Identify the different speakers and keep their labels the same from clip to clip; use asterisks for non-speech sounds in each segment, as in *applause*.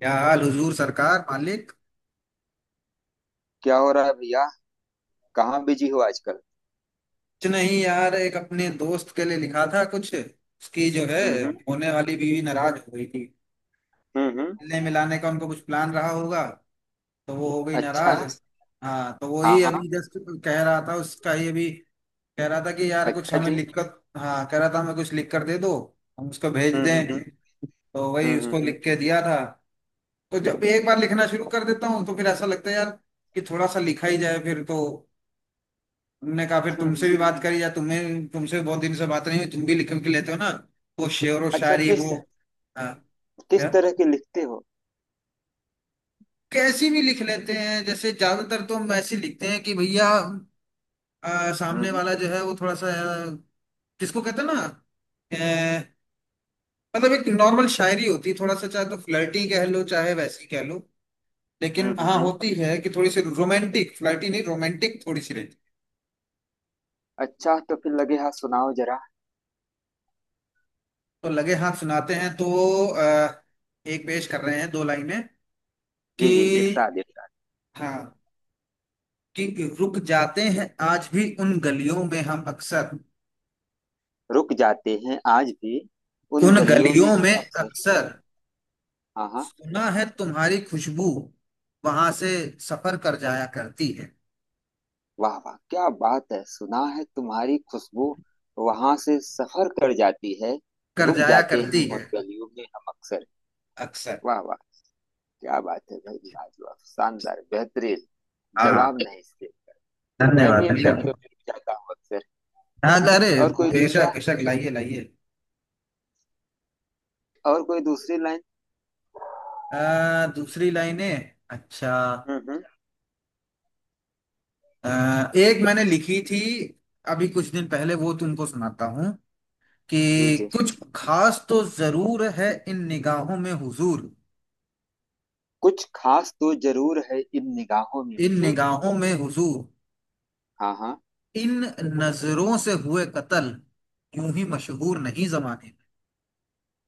Speaker 1: क्या हाल हुजूर सरकार मालिक।
Speaker 2: क्या हो रहा है भैया? कहाँ बिजी हो आजकल?
Speaker 1: कुछ नहीं यार, एक अपने दोस्त के लिए लिखा था कुछ, उसकी जो है
Speaker 2: हम्म।
Speaker 1: होने वाली बीवी नाराज हो गई थी।
Speaker 2: हम्म।
Speaker 1: मिलने मिलाने का उनको कुछ प्लान रहा होगा, तो वो हो गई
Speaker 2: अच्छा।
Speaker 1: नाराज। अच्छा हाँ, तो
Speaker 2: हाँ
Speaker 1: वही
Speaker 2: हाँ।
Speaker 1: अभी जस्ट कह रहा था उसका ही। अभी कह रहा था कि यार कुछ
Speaker 2: अच्छा
Speaker 1: हमें
Speaker 2: जी।
Speaker 1: लिखकर। हाँ, कह रहा था हमें कुछ लिख कर दे दो, हम उसको भेज
Speaker 2: हम्म।
Speaker 1: दें। तो वही उसको
Speaker 2: हम्म।
Speaker 1: लिख के दिया था। तो जब एक बार लिखना शुरू कर देता हूँ, तो फिर ऐसा लगता है यार कि थोड़ा सा लिखा ही जाए फिर। तो हमने कहा फिर
Speaker 2: हम्म, हम्म।
Speaker 1: तुमसे भी बात करी, या तुम्हें तुमसे भी बहुत दिन से बात नहीं हुई। तुम भी लिख के लेते हो ना, वो शेर व
Speaker 2: अच्छा
Speaker 1: शायरी
Speaker 2: किस
Speaker 1: वो। हाँ।
Speaker 2: किस
Speaker 1: क्या?
Speaker 2: तरह के लिखते हो?
Speaker 1: कैसी भी लिख लेते हैं। जैसे ज्यादातर तो हम ऐसे लिखते हैं कि भैया, सामने
Speaker 2: हम्म
Speaker 1: वाला जो है वो थोड़ा सा, जिसको कहते हैं ना, अ, मतलब एक नॉर्मल शायरी होती है थोड़ा सा। चाहे तो फ्लर्टी कह लो, चाहे वैसी कह लो, लेकिन
Speaker 2: हम्म।
Speaker 1: हाँ,
Speaker 2: हम्म।
Speaker 1: होती है कि थोड़ी सी रोमांटिक। फ्लर्टी नहीं, रोमांटिक थोड़ी सी रहती।
Speaker 2: अच्छा तो फिर लगे हाथ सुनाओ जरा।
Speaker 1: तो लगे हाथ सुनाते हैं तो, आ, एक पेश कर रहे हैं दो लाइनें कि।
Speaker 2: जी जी, इरशाद इरशाद।
Speaker 1: हाँ, कि रुक जाते हैं आज भी उन गलियों में हम अक्सर।
Speaker 2: रुक जाते हैं आज भी उन
Speaker 1: उन
Speaker 2: गलियों में
Speaker 1: गलियों
Speaker 2: हम
Speaker 1: में
Speaker 2: अक्सर।
Speaker 1: अक्सर।
Speaker 2: हाँ हाँ।
Speaker 1: सुना है तुम्हारी खुशबू वहां से सफर कर जाया करती है।
Speaker 2: वाह वाह, क्या बात है! सुना है तुम्हारी खुशबू वहां से सफर कर जाती है।
Speaker 1: कर
Speaker 2: रुक
Speaker 1: जाया
Speaker 2: जाते
Speaker 1: करती
Speaker 2: हैं
Speaker 1: है।
Speaker 2: उन गलियों में हम अक्सर।
Speaker 1: अक्सर।
Speaker 2: वाह वाह, क्या बात है भाई! लाजवाब, शानदार, बेहतरीन।
Speaker 1: हाँ।
Speaker 2: जवाब नहीं इसके। मैं भी
Speaker 1: धन्यवाद
Speaker 2: इन
Speaker 1: धन्यवाद।
Speaker 2: गलियों में जाता हूँ अक्सर।
Speaker 1: हाँ अरे,
Speaker 2: और कोई दूसरा?
Speaker 1: बेशक बेशक, लाइए लाइए।
Speaker 2: और कोई दूसरी लाइन?
Speaker 1: दूसरी लाइनें अच्छा।
Speaker 2: हम्म।
Speaker 1: एक मैंने लिखी थी अभी कुछ दिन पहले, वो तुमको सुनाता हूँ
Speaker 2: जी
Speaker 1: कि,
Speaker 2: जी।
Speaker 1: कुछ खास तो जरूर है इन निगाहों में हुजूर।
Speaker 2: कुछ खास तो जरूर है इन निगाहों में
Speaker 1: इन
Speaker 2: हुजूर।
Speaker 1: निगाहों में हुजूर।
Speaker 2: हाँ हाँ।
Speaker 1: इन नजरों से हुए कत्ल यूं ही मशहूर नहीं जमाने।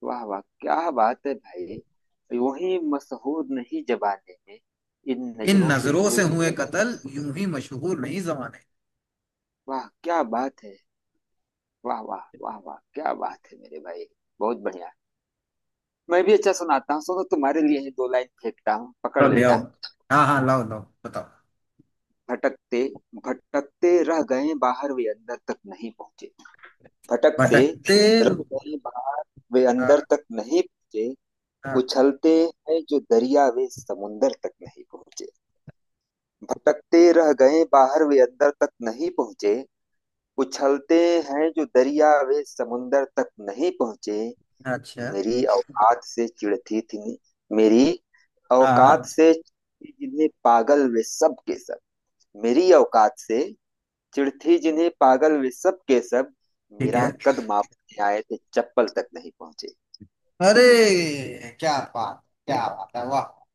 Speaker 2: वाह वाह, क्या बात है भाई! यूं ही मसहूर नहीं जबाने में, इन
Speaker 1: इन
Speaker 2: नजरों से
Speaker 1: नजरों
Speaker 2: हुए
Speaker 1: से
Speaker 2: जो
Speaker 1: हुए
Speaker 2: कतल।
Speaker 1: कत्ल यूं ही मशहूर नहीं जमाने।
Speaker 2: वाह, क्या बात है! वाह वाह वाह वाह, क्या बात है मेरे भाई! बहुत बढ़िया। मैं भी अच्छा सुनाता हूँ, सुनो। तुम्हारे लिए ही दो लाइन फेंकता हूँ,
Speaker 1: चलो
Speaker 2: पकड़
Speaker 1: ले आओ।
Speaker 2: लेना।
Speaker 1: हाँ हाँ, लाओ लाओ बताओ।
Speaker 2: भटकते भटकते रह गए बाहर, वे अंदर तक नहीं पहुंचे। भटकते
Speaker 1: भटकते।
Speaker 2: रह गए बाहर, वे अंदर
Speaker 1: हाँ,
Speaker 2: तक नहीं पहुंचे।
Speaker 1: हाँ,
Speaker 2: उछलते हैं जो दरिया, वे समुंदर तक नहीं पहुंचे। भटकते रह गए बाहर, वे अंदर तक नहीं पहुंचे। उछलते हैं जो दरिया, वे समुंदर तक नहीं पहुंचे।
Speaker 1: अच्छा।
Speaker 2: मेरी औकात से चिढ़ती थी। मेरी औकात
Speaker 1: हाँ,
Speaker 2: से जिन्हें पागल, वे सब के सब। मेरी औकात से चिड़थी जिन्हें पागल, वे सब के सब।
Speaker 1: ठीक
Speaker 2: मेरा
Speaker 1: है।
Speaker 2: कद मापने आए थे, चप्पल तक नहीं पहुंचे।
Speaker 1: अरे क्या बात, क्या बात है, वाह।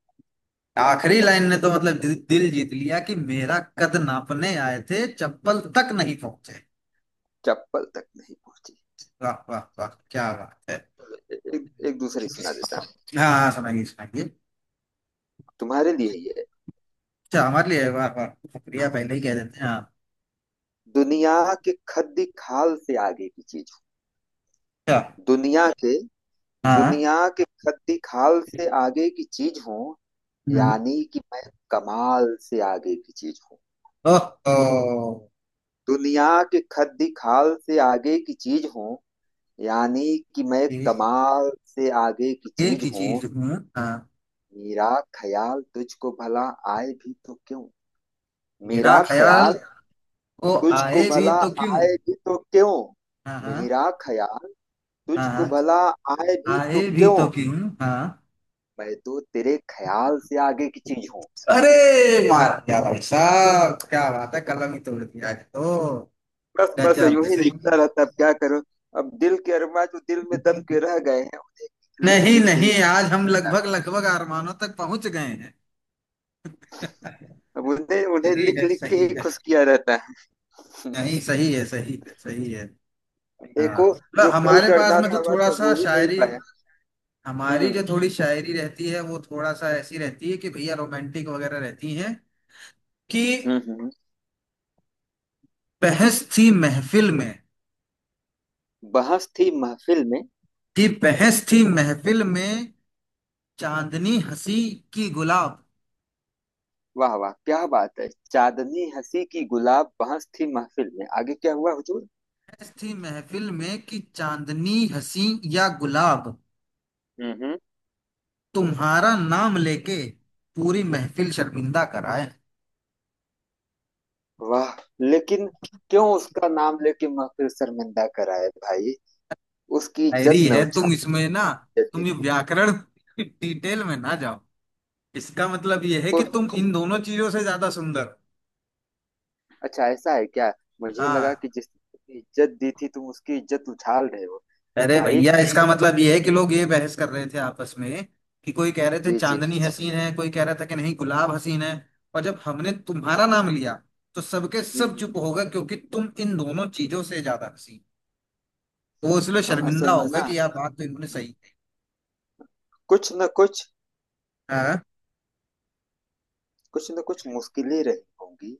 Speaker 1: आखिरी लाइन ने तो मतलब दिल, दिल जीत लिया कि मेरा कद नापने आए थे चप्पल तक नहीं पहुंचे।
Speaker 2: चप्पल तक नहीं पहुंचे।
Speaker 1: वाह वाह वाह, क्या बात है।
Speaker 2: एक दूसरी सुना देता हूँ।
Speaker 1: हाँ हाँ, सुनाइए सुनाइए।
Speaker 2: तुम्हारे लिए ये है।
Speaker 1: अच्छा, हमारे लिए, वाह वाह। शुक्रिया
Speaker 2: हाँ।
Speaker 1: पहले ही कह देते हैं हाँ।
Speaker 2: दुनिया के खद्दी खाल से आगे की चीज
Speaker 1: अच्छा।
Speaker 2: हूँ। दुनिया के,
Speaker 1: हाँ।
Speaker 2: दुनिया के खद्दी खाल से आगे की चीज हूँ।
Speaker 1: हम्म।
Speaker 2: यानी कि मैं कमाल से आगे की चीज हूँ।
Speaker 1: ओहो।
Speaker 2: दुनिया के खद्दी खाल से आगे की चीज हूँ। यानी कि मैं
Speaker 1: ये
Speaker 2: कमाल से आगे की
Speaker 1: एक
Speaker 2: चीज
Speaker 1: ही
Speaker 2: हूँ।
Speaker 1: चीज हूँ हाँ।
Speaker 2: मेरा ख्याल तुझको भला आए भी तो क्यों?
Speaker 1: मेरा
Speaker 2: मेरा
Speaker 1: ख्याल।
Speaker 2: ख्याल
Speaker 1: ओ।
Speaker 2: तुझको
Speaker 1: आए भी
Speaker 2: भला
Speaker 1: तो क्यों?
Speaker 2: आए भी तो क्यों?
Speaker 1: हाँ हाँ।
Speaker 2: मेरा ख्याल तुझको
Speaker 1: हाँ,
Speaker 2: भला आए भी
Speaker 1: आए
Speaker 2: तो
Speaker 1: भी
Speaker 2: क्यों?
Speaker 1: तो क्यों? हाँ।
Speaker 2: मैं तो तेरे ख्याल से आगे की चीज हूँ।
Speaker 1: अरे मार दिया भाई साहब, क्या बात है, कलम ही तोड़ दिया आज तो।
Speaker 2: बस बस,
Speaker 1: गजब,
Speaker 2: यूं ही
Speaker 1: सही।
Speaker 2: लिखता रहता, अब क्या करो। अब दिल के अरमां जो दिल में दब के रह गए हैं, उन्हें लिख
Speaker 1: नहीं
Speaker 2: लिख के
Speaker 1: नहीं,
Speaker 2: ही।
Speaker 1: आज हम लगभग लगभग आरमानों तक पहुंच गए हैं।
Speaker 2: अब उन्हें उन्हें
Speaker 1: सही
Speaker 2: लिख
Speaker 1: है
Speaker 2: लिख के
Speaker 1: सही
Speaker 2: ही
Speaker 1: है।
Speaker 2: खुश किया रहता है। *laughs*
Speaker 1: नहीं, सही है सही है सही है। हाँ
Speaker 2: देखो, जो
Speaker 1: मतलब
Speaker 2: कल
Speaker 1: हमारे पास
Speaker 2: करना
Speaker 1: में
Speaker 2: था
Speaker 1: तो
Speaker 2: वह
Speaker 1: थोड़ा
Speaker 2: तो
Speaker 1: सा
Speaker 2: हो ही नहीं
Speaker 1: शायरी,
Speaker 2: पाया।
Speaker 1: हमारी
Speaker 2: हम्म
Speaker 1: जो थोड़ी शायरी रहती है, वो थोड़ा सा ऐसी रहती है कि भैया रोमांटिक वगैरह रहती है कि,
Speaker 2: हम्म। हम्म।
Speaker 1: बहस थी महफिल में।
Speaker 2: बहस थी महफिल में।
Speaker 1: कि बहस थी महफिल में, चांदनी हंसी की गुलाब।
Speaker 2: वाह वाह, क्या बात है! चांदनी हंसी की गुलाब, बहस थी महफिल में, आगे क्या हुआ हुजूर?
Speaker 1: बहस थी महफिल में कि चांदनी हंसी या गुलाब।
Speaker 2: हम्म।
Speaker 1: तुम्हारा नाम लेके पूरी महफिल शर्मिंदा कराए।
Speaker 2: वाह। लेकिन क्यों उसका नाम लेके महफिल शर्मिंदा कराए भाई? उसकी इज्जत
Speaker 1: शायरी
Speaker 2: न
Speaker 1: है,
Speaker 2: उछा,
Speaker 1: तुम इसमें ना,
Speaker 2: इज्जत दी
Speaker 1: तुम ये
Speaker 2: थी।
Speaker 1: व्याकरण *laughs* डिटेल में ना जाओ। इसका मतलब ये है कि
Speaker 2: ओह,
Speaker 1: तुम इन दोनों चीजों से ज्यादा सुंदर।
Speaker 2: अच्छा ऐसा है क्या? मुझे
Speaker 1: हाँ,
Speaker 2: लगा कि जिसकी इज्जत दी थी तुम उसकी इज्जत उछाल रहे हो
Speaker 1: अरे
Speaker 2: भाई।
Speaker 1: भैया इसका मतलब ये है कि लोग ये बहस कर रहे थे आपस में कि, कोई कह रहे थे
Speaker 2: जी जी।
Speaker 1: चांदनी हसीन है, कोई कह रहा था कि नहीं गुलाब हसीन है। और जब हमने तुम्हारा नाम लिया, तो सबके
Speaker 2: हम्म,
Speaker 1: सब
Speaker 2: हम्म।
Speaker 1: चुप होगा क्योंकि तुम इन दोनों चीजों से ज्यादा हसीन हो। वो इसलिए
Speaker 2: हाँ,
Speaker 1: शर्मिंदा
Speaker 2: असल में
Speaker 1: होगा
Speaker 2: ना,
Speaker 1: कि यार बात तो इन्होंने सही
Speaker 2: कुछ न कुछ
Speaker 1: है। हाँ
Speaker 2: कुछ न कुछ मुश्किलें रही होंगी।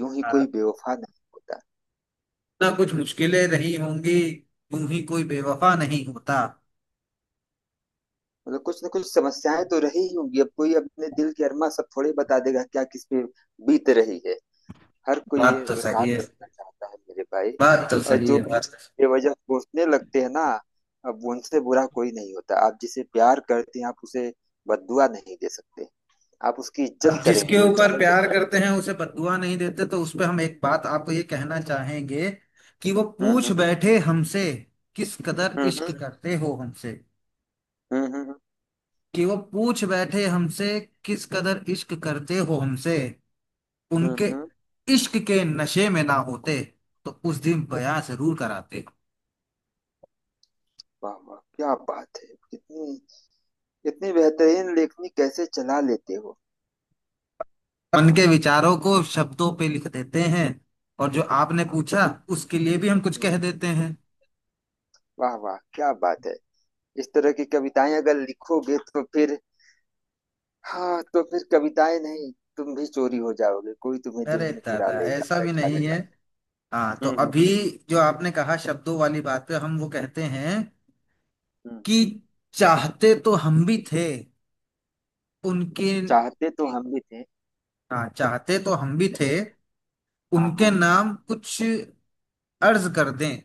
Speaker 2: यूं ही
Speaker 1: हाँ।
Speaker 2: कोई बेवफा नहीं होता।
Speaker 1: ना कुछ मुश्किलें रही होंगी, तुम ही कोई बेवफा नहीं होता।
Speaker 2: मतलब कुछ न कुछ समस्याएं तो रही ही होंगी। अब कोई अपने दिल की अरमा सब थोड़े बता देगा क्या, किस पे बीत रही है। हर कोई
Speaker 1: बात
Speaker 2: ये
Speaker 1: तो
Speaker 2: तो
Speaker 1: सही है,
Speaker 2: साथ रहना चाहता है मेरे भाई।
Speaker 1: बात तो
Speaker 2: और
Speaker 1: सही
Speaker 2: जो
Speaker 1: है बात।
Speaker 2: बेवजह कोसने लगते हैं ना, अब उनसे बुरा कोई नहीं होता। आप जिसे प्यार करते हैं, आप उसे बददुआ नहीं दे सकते। आप उसकी इज्जत
Speaker 1: अब जिसके
Speaker 2: करेंगे, वो
Speaker 1: ऊपर
Speaker 2: चाहे
Speaker 1: प्यार
Speaker 2: जैसा है।
Speaker 1: करते हैं उसे बददुआ नहीं देते, तो उस पे हम एक बात आपको ये कहना चाहेंगे कि, वो पूछ
Speaker 2: हम्म
Speaker 1: बैठे हमसे किस कदर
Speaker 2: हम्म।
Speaker 1: इश्क करते हो हमसे।
Speaker 2: हम्म। हम्म।
Speaker 1: कि वो पूछ बैठे हमसे किस कदर इश्क करते हो हमसे।
Speaker 2: हम्म,
Speaker 1: उनके
Speaker 2: हम्म।
Speaker 1: इश्क के नशे में ना होते तो उस दिन बयां जरूर कराते।
Speaker 2: वाह वाह, क्या बात है! कितनी, इतनी बेहतरीन लेखनी कैसे चला लेते हो? हाँ।
Speaker 1: उनके विचारों को शब्दों पे लिख देते हैं। और जो आपने
Speaker 2: हाँ,
Speaker 1: पूछा उसके लिए भी हम कुछ
Speaker 2: हम्म।
Speaker 1: कह देते हैं।
Speaker 2: वाह वाह, क्या बात है! इस तरह की कविताएं अगर लिखोगे तो फिर, हाँ तो फिर कविताएं नहीं, तुम भी चोरी हो जाओगे, कोई तुम्हें दिल
Speaker 1: अरे
Speaker 2: में चुरा
Speaker 1: दादा,
Speaker 2: लेगा,
Speaker 1: ऐसा भी
Speaker 2: बैठा
Speaker 1: नहीं है।
Speaker 2: लेगा।
Speaker 1: हाँ, तो
Speaker 2: हम्म।
Speaker 1: अभी जो आपने कहा शब्दों वाली बात पे हम वो कहते हैं
Speaker 2: हम्म।
Speaker 1: कि, चाहते तो हम भी थे। उनके।
Speaker 2: चाहते तो ठीक हम भी थे।
Speaker 1: हाँ, चाहते तो हम भी थे
Speaker 2: हाँ
Speaker 1: उनके
Speaker 2: हाँ।
Speaker 1: नाम कुछ अर्ज कर दें।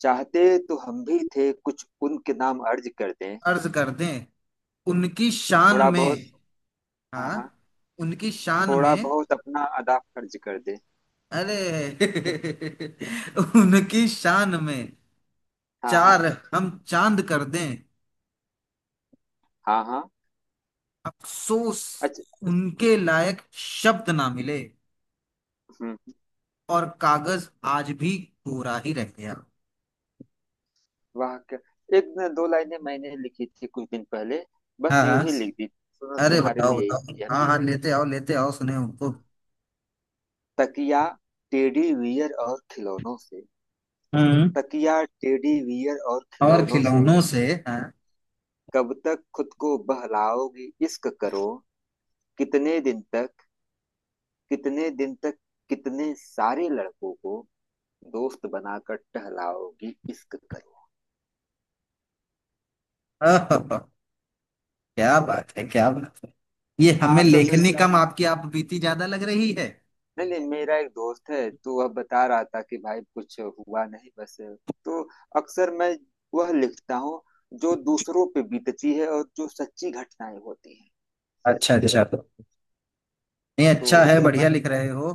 Speaker 2: चाहते तो हम भी थे, कुछ उनके नाम अर्ज कर दें।
Speaker 1: अर्ज कर दें उनकी शान
Speaker 2: थोड़ा बहुत।
Speaker 1: में।
Speaker 2: हाँ
Speaker 1: हाँ,
Speaker 2: हाँ।
Speaker 1: उनकी शान
Speaker 2: थोड़ा
Speaker 1: में।
Speaker 2: बहुत अपना अदा फर्ज कर दें।
Speaker 1: अरे *laughs* उनकी शान में
Speaker 2: हाँ हाँ।
Speaker 1: चार, हम चांद कर दें।
Speaker 2: हाँ हाँ।
Speaker 1: अफसोस
Speaker 2: अच्छा।
Speaker 1: उनके लायक शब्द ना मिले,
Speaker 2: हम्म हम्म।
Speaker 1: और कागज आज भी कोरा ही रह गया।
Speaker 2: वाह, क्या! एक न दो लाइनें मैंने लिखी थी कुछ दिन पहले, बस
Speaker 1: हाँ
Speaker 2: यूं
Speaker 1: हाँ।
Speaker 2: ही लिख दी, सुनो
Speaker 1: अरे
Speaker 2: तुम्हारे
Speaker 1: बताओ
Speaker 2: लिए।
Speaker 1: बताओ,
Speaker 2: यह
Speaker 1: हाँ
Speaker 2: भी
Speaker 1: हाँ,
Speaker 2: है।
Speaker 1: लेते आओ लेते आओ, सुने उनको।
Speaker 2: तकिया, टेडी बियर और खिलौनों से,
Speaker 1: हम्म।
Speaker 2: तकिया टेडी बियर और
Speaker 1: और
Speaker 2: खिलौनों से
Speaker 1: खिलौनों से, हाँ।
Speaker 2: कब तक खुद को बहलाओगी, इश्क करो। कितने दिन तक, कितने दिन तक, कितने सारे लड़कों को दोस्त बनाकर टहलाओगी, इश्क करो।
Speaker 1: ओहो, क्या बात है, क्या बात है। ये
Speaker 2: हाँ,
Speaker 1: हमें
Speaker 2: असल में
Speaker 1: लेखनी
Speaker 2: मेरा एक,
Speaker 1: कम, आपकी आप बीती ज्यादा लग रही है।
Speaker 2: नहीं नहीं, मेरा एक दोस्त है, तो वह बता रहा था कि भाई कुछ हुआ नहीं, बस। तो अक्सर मैं वह लिखता हूँ जो दूसरों पे बीतती है और जो सच्ची घटनाएं होती हैं।
Speaker 1: अच्छा अच्छा। नहीं, अच्छा
Speaker 2: तो
Speaker 1: है, बढ़िया लिख रहे हो,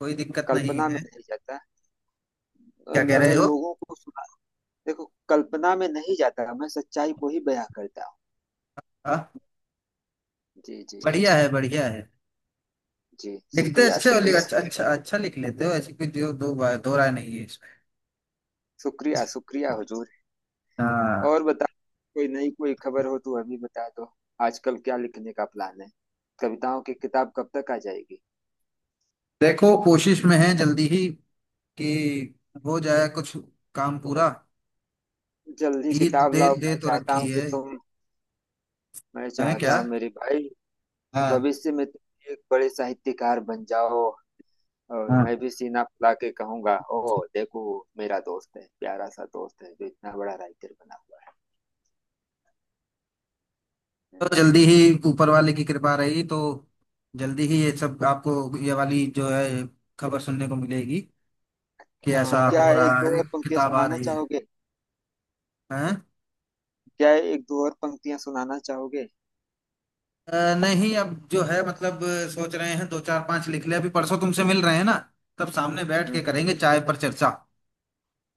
Speaker 1: कोई दिक्कत नहीं
Speaker 2: कल्पना में
Speaker 1: है।
Speaker 2: नहीं जाता।
Speaker 1: क्या कह रहे
Speaker 2: अगर
Speaker 1: हो?
Speaker 2: लोगों को सुना, देखो, कल्पना में नहीं जाता, मैं सच्चाई को ही बयां करता हूँ।
Speaker 1: हाँ,
Speaker 2: जी जी।
Speaker 1: बढ़िया है बढ़िया है।
Speaker 2: जी,
Speaker 1: लिखते
Speaker 2: शुक्रिया
Speaker 1: अच्छे हो,
Speaker 2: शुक्रिया।
Speaker 1: अच्छा अच्छा अच्छा, लिख लेते हो, ऐसी कोई दो दो, दो राय नहीं है इसमें।
Speaker 2: शुक्रिया शुक्रिया हुजूर।
Speaker 1: हाँ।
Speaker 2: और बता, कोई नई कोई खबर हो तो अभी बता दो। आजकल क्या लिखने का प्लान है? कविताओं की किताब कब तक आ जाएगी?
Speaker 1: देखो, कोशिश में है जल्दी ही कि हो जाए कुछ काम पूरा।
Speaker 2: जल्दी
Speaker 1: ईद
Speaker 2: किताब
Speaker 1: दे
Speaker 2: लाओ,
Speaker 1: दे
Speaker 2: मैं
Speaker 1: तो
Speaker 2: चाहता
Speaker 1: रखी
Speaker 2: हूँ कि
Speaker 1: है।
Speaker 2: तुम, मैं
Speaker 1: है
Speaker 2: चाहता
Speaker 1: क्या?
Speaker 2: हूँ मेरे भाई,
Speaker 1: हाँ।
Speaker 2: भविष्य में तुम एक बड़े साहित्यकार बन जाओ, और
Speaker 1: हाँ,
Speaker 2: मैं भी सीना फुला के कहूंगा, ओह देखो, मेरा दोस्त है, प्यारा सा दोस्त है जो इतना बड़ा राइटर बना हुआ
Speaker 1: तो
Speaker 2: है।
Speaker 1: जल्दी ही, ऊपर वाले की कृपा रही तो जल्दी ही ये सब आपको, ये वाली जो है खबर सुनने को मिलेगी कि ऐसा
Speaker 2: क्या
Speaker 1: हो
Speaker 2: एक
Speaker 1: रहा
Speaker 2: दो
Speaker 1: है,
Speaker 2: और पंक्तियां
Speaker 1: किताब आ
Speaker 2: सुनाना
Speaker 1: रही है।
Speaker 2: चाहोगे?
Speaker 1: हैं?
Speaker 2: क्या एक दो और पंक्तियां सुनाना चाहोगे?
Speaker 1: नहीं, अब जो है मतलब सोच रहे हैं दो चार पांच लिख ले। अभी परसों तुमसे मिल रहे हैं ना, तब सामने बैठ
Speaker 2: हम्म
Speaker 1: के
Speaker 2: हम्म।
Speaker 1: करेंगे चाय पर चर्चा।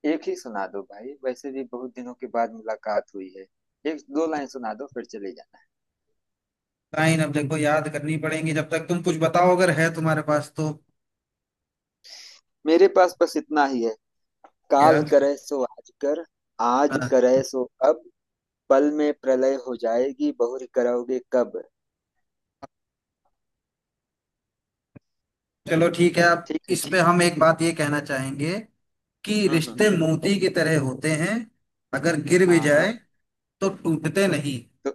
Speaker 2: एक ही सुना दो भाई, वैसे भी बहुत दिनों के बाद मुलाकात हुई है, एक दो लाइन सुना दो फिर चले जाना है।
Speaker 1: लाइन अब देखो याद करनी पड़ेंगी, जब तक तुम कुछ बताओ अगर है तुम्हारे पास तो।
Speaker 2: मेरे पास बस इतना ही है।
Speaker 1: क्या?
Speaker 2: काल करे सो आज कर, आज करे सो अब, पल में प्रलय हो जाएगी, बहुरी करोगे कब।
Speaker 1: चलो ठीक है, अब
Speaker 2: ठीक है।
Speaker 1: इसमें हम एक बात ये कहना चाहेंगे कि
Speaker 2: हम्म हम्म
Speaker 1: रिश्ते
Speaker 2: हम्म।
Speaker 1: मोती की तरह होते हैं। अगर गिर भी
Speaker 2: हाँ
Speaker 1: जाए
Speaker 2: हाँ।
Speaker 1: तो टूटते नहीं।
Speaker 2: तो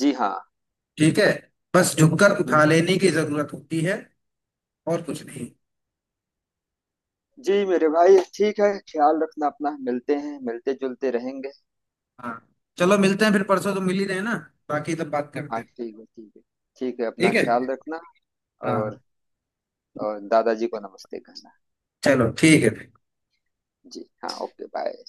Speaker 2: जी हाँ।
Speaker 1: ठीक है, बस झुककर उठा
Speaker 2: हम्म।
Speaker 1: लेने की जरूरत होती है, और कुछ नहीं।
Speaker 2: जी मेरे भाई, ठीक है, ख्याल रखना अपना, मिलते हैं, मिलते जुलते रहेंगे।
Speaker 1: हाँ, चलो मिलते हैं, फिर परसों तो मिल ही रहे हैं ना, बाकी तब बात करते
Speaker 2: हाँ
Speaker 1: हैं।
Speaker 2: ठीक है, ठीक है। ठीक है, अपना
Speaker 1: ठीक है।
Speaker 2: ख्याल रखना। और,
Speaker 1: हाँ,
Speaker 2: दादाजी को नमस्ते कहना।
Speaker 1: चलो ठीक है।
Speaker 2: जी हाँ, ओके बाय।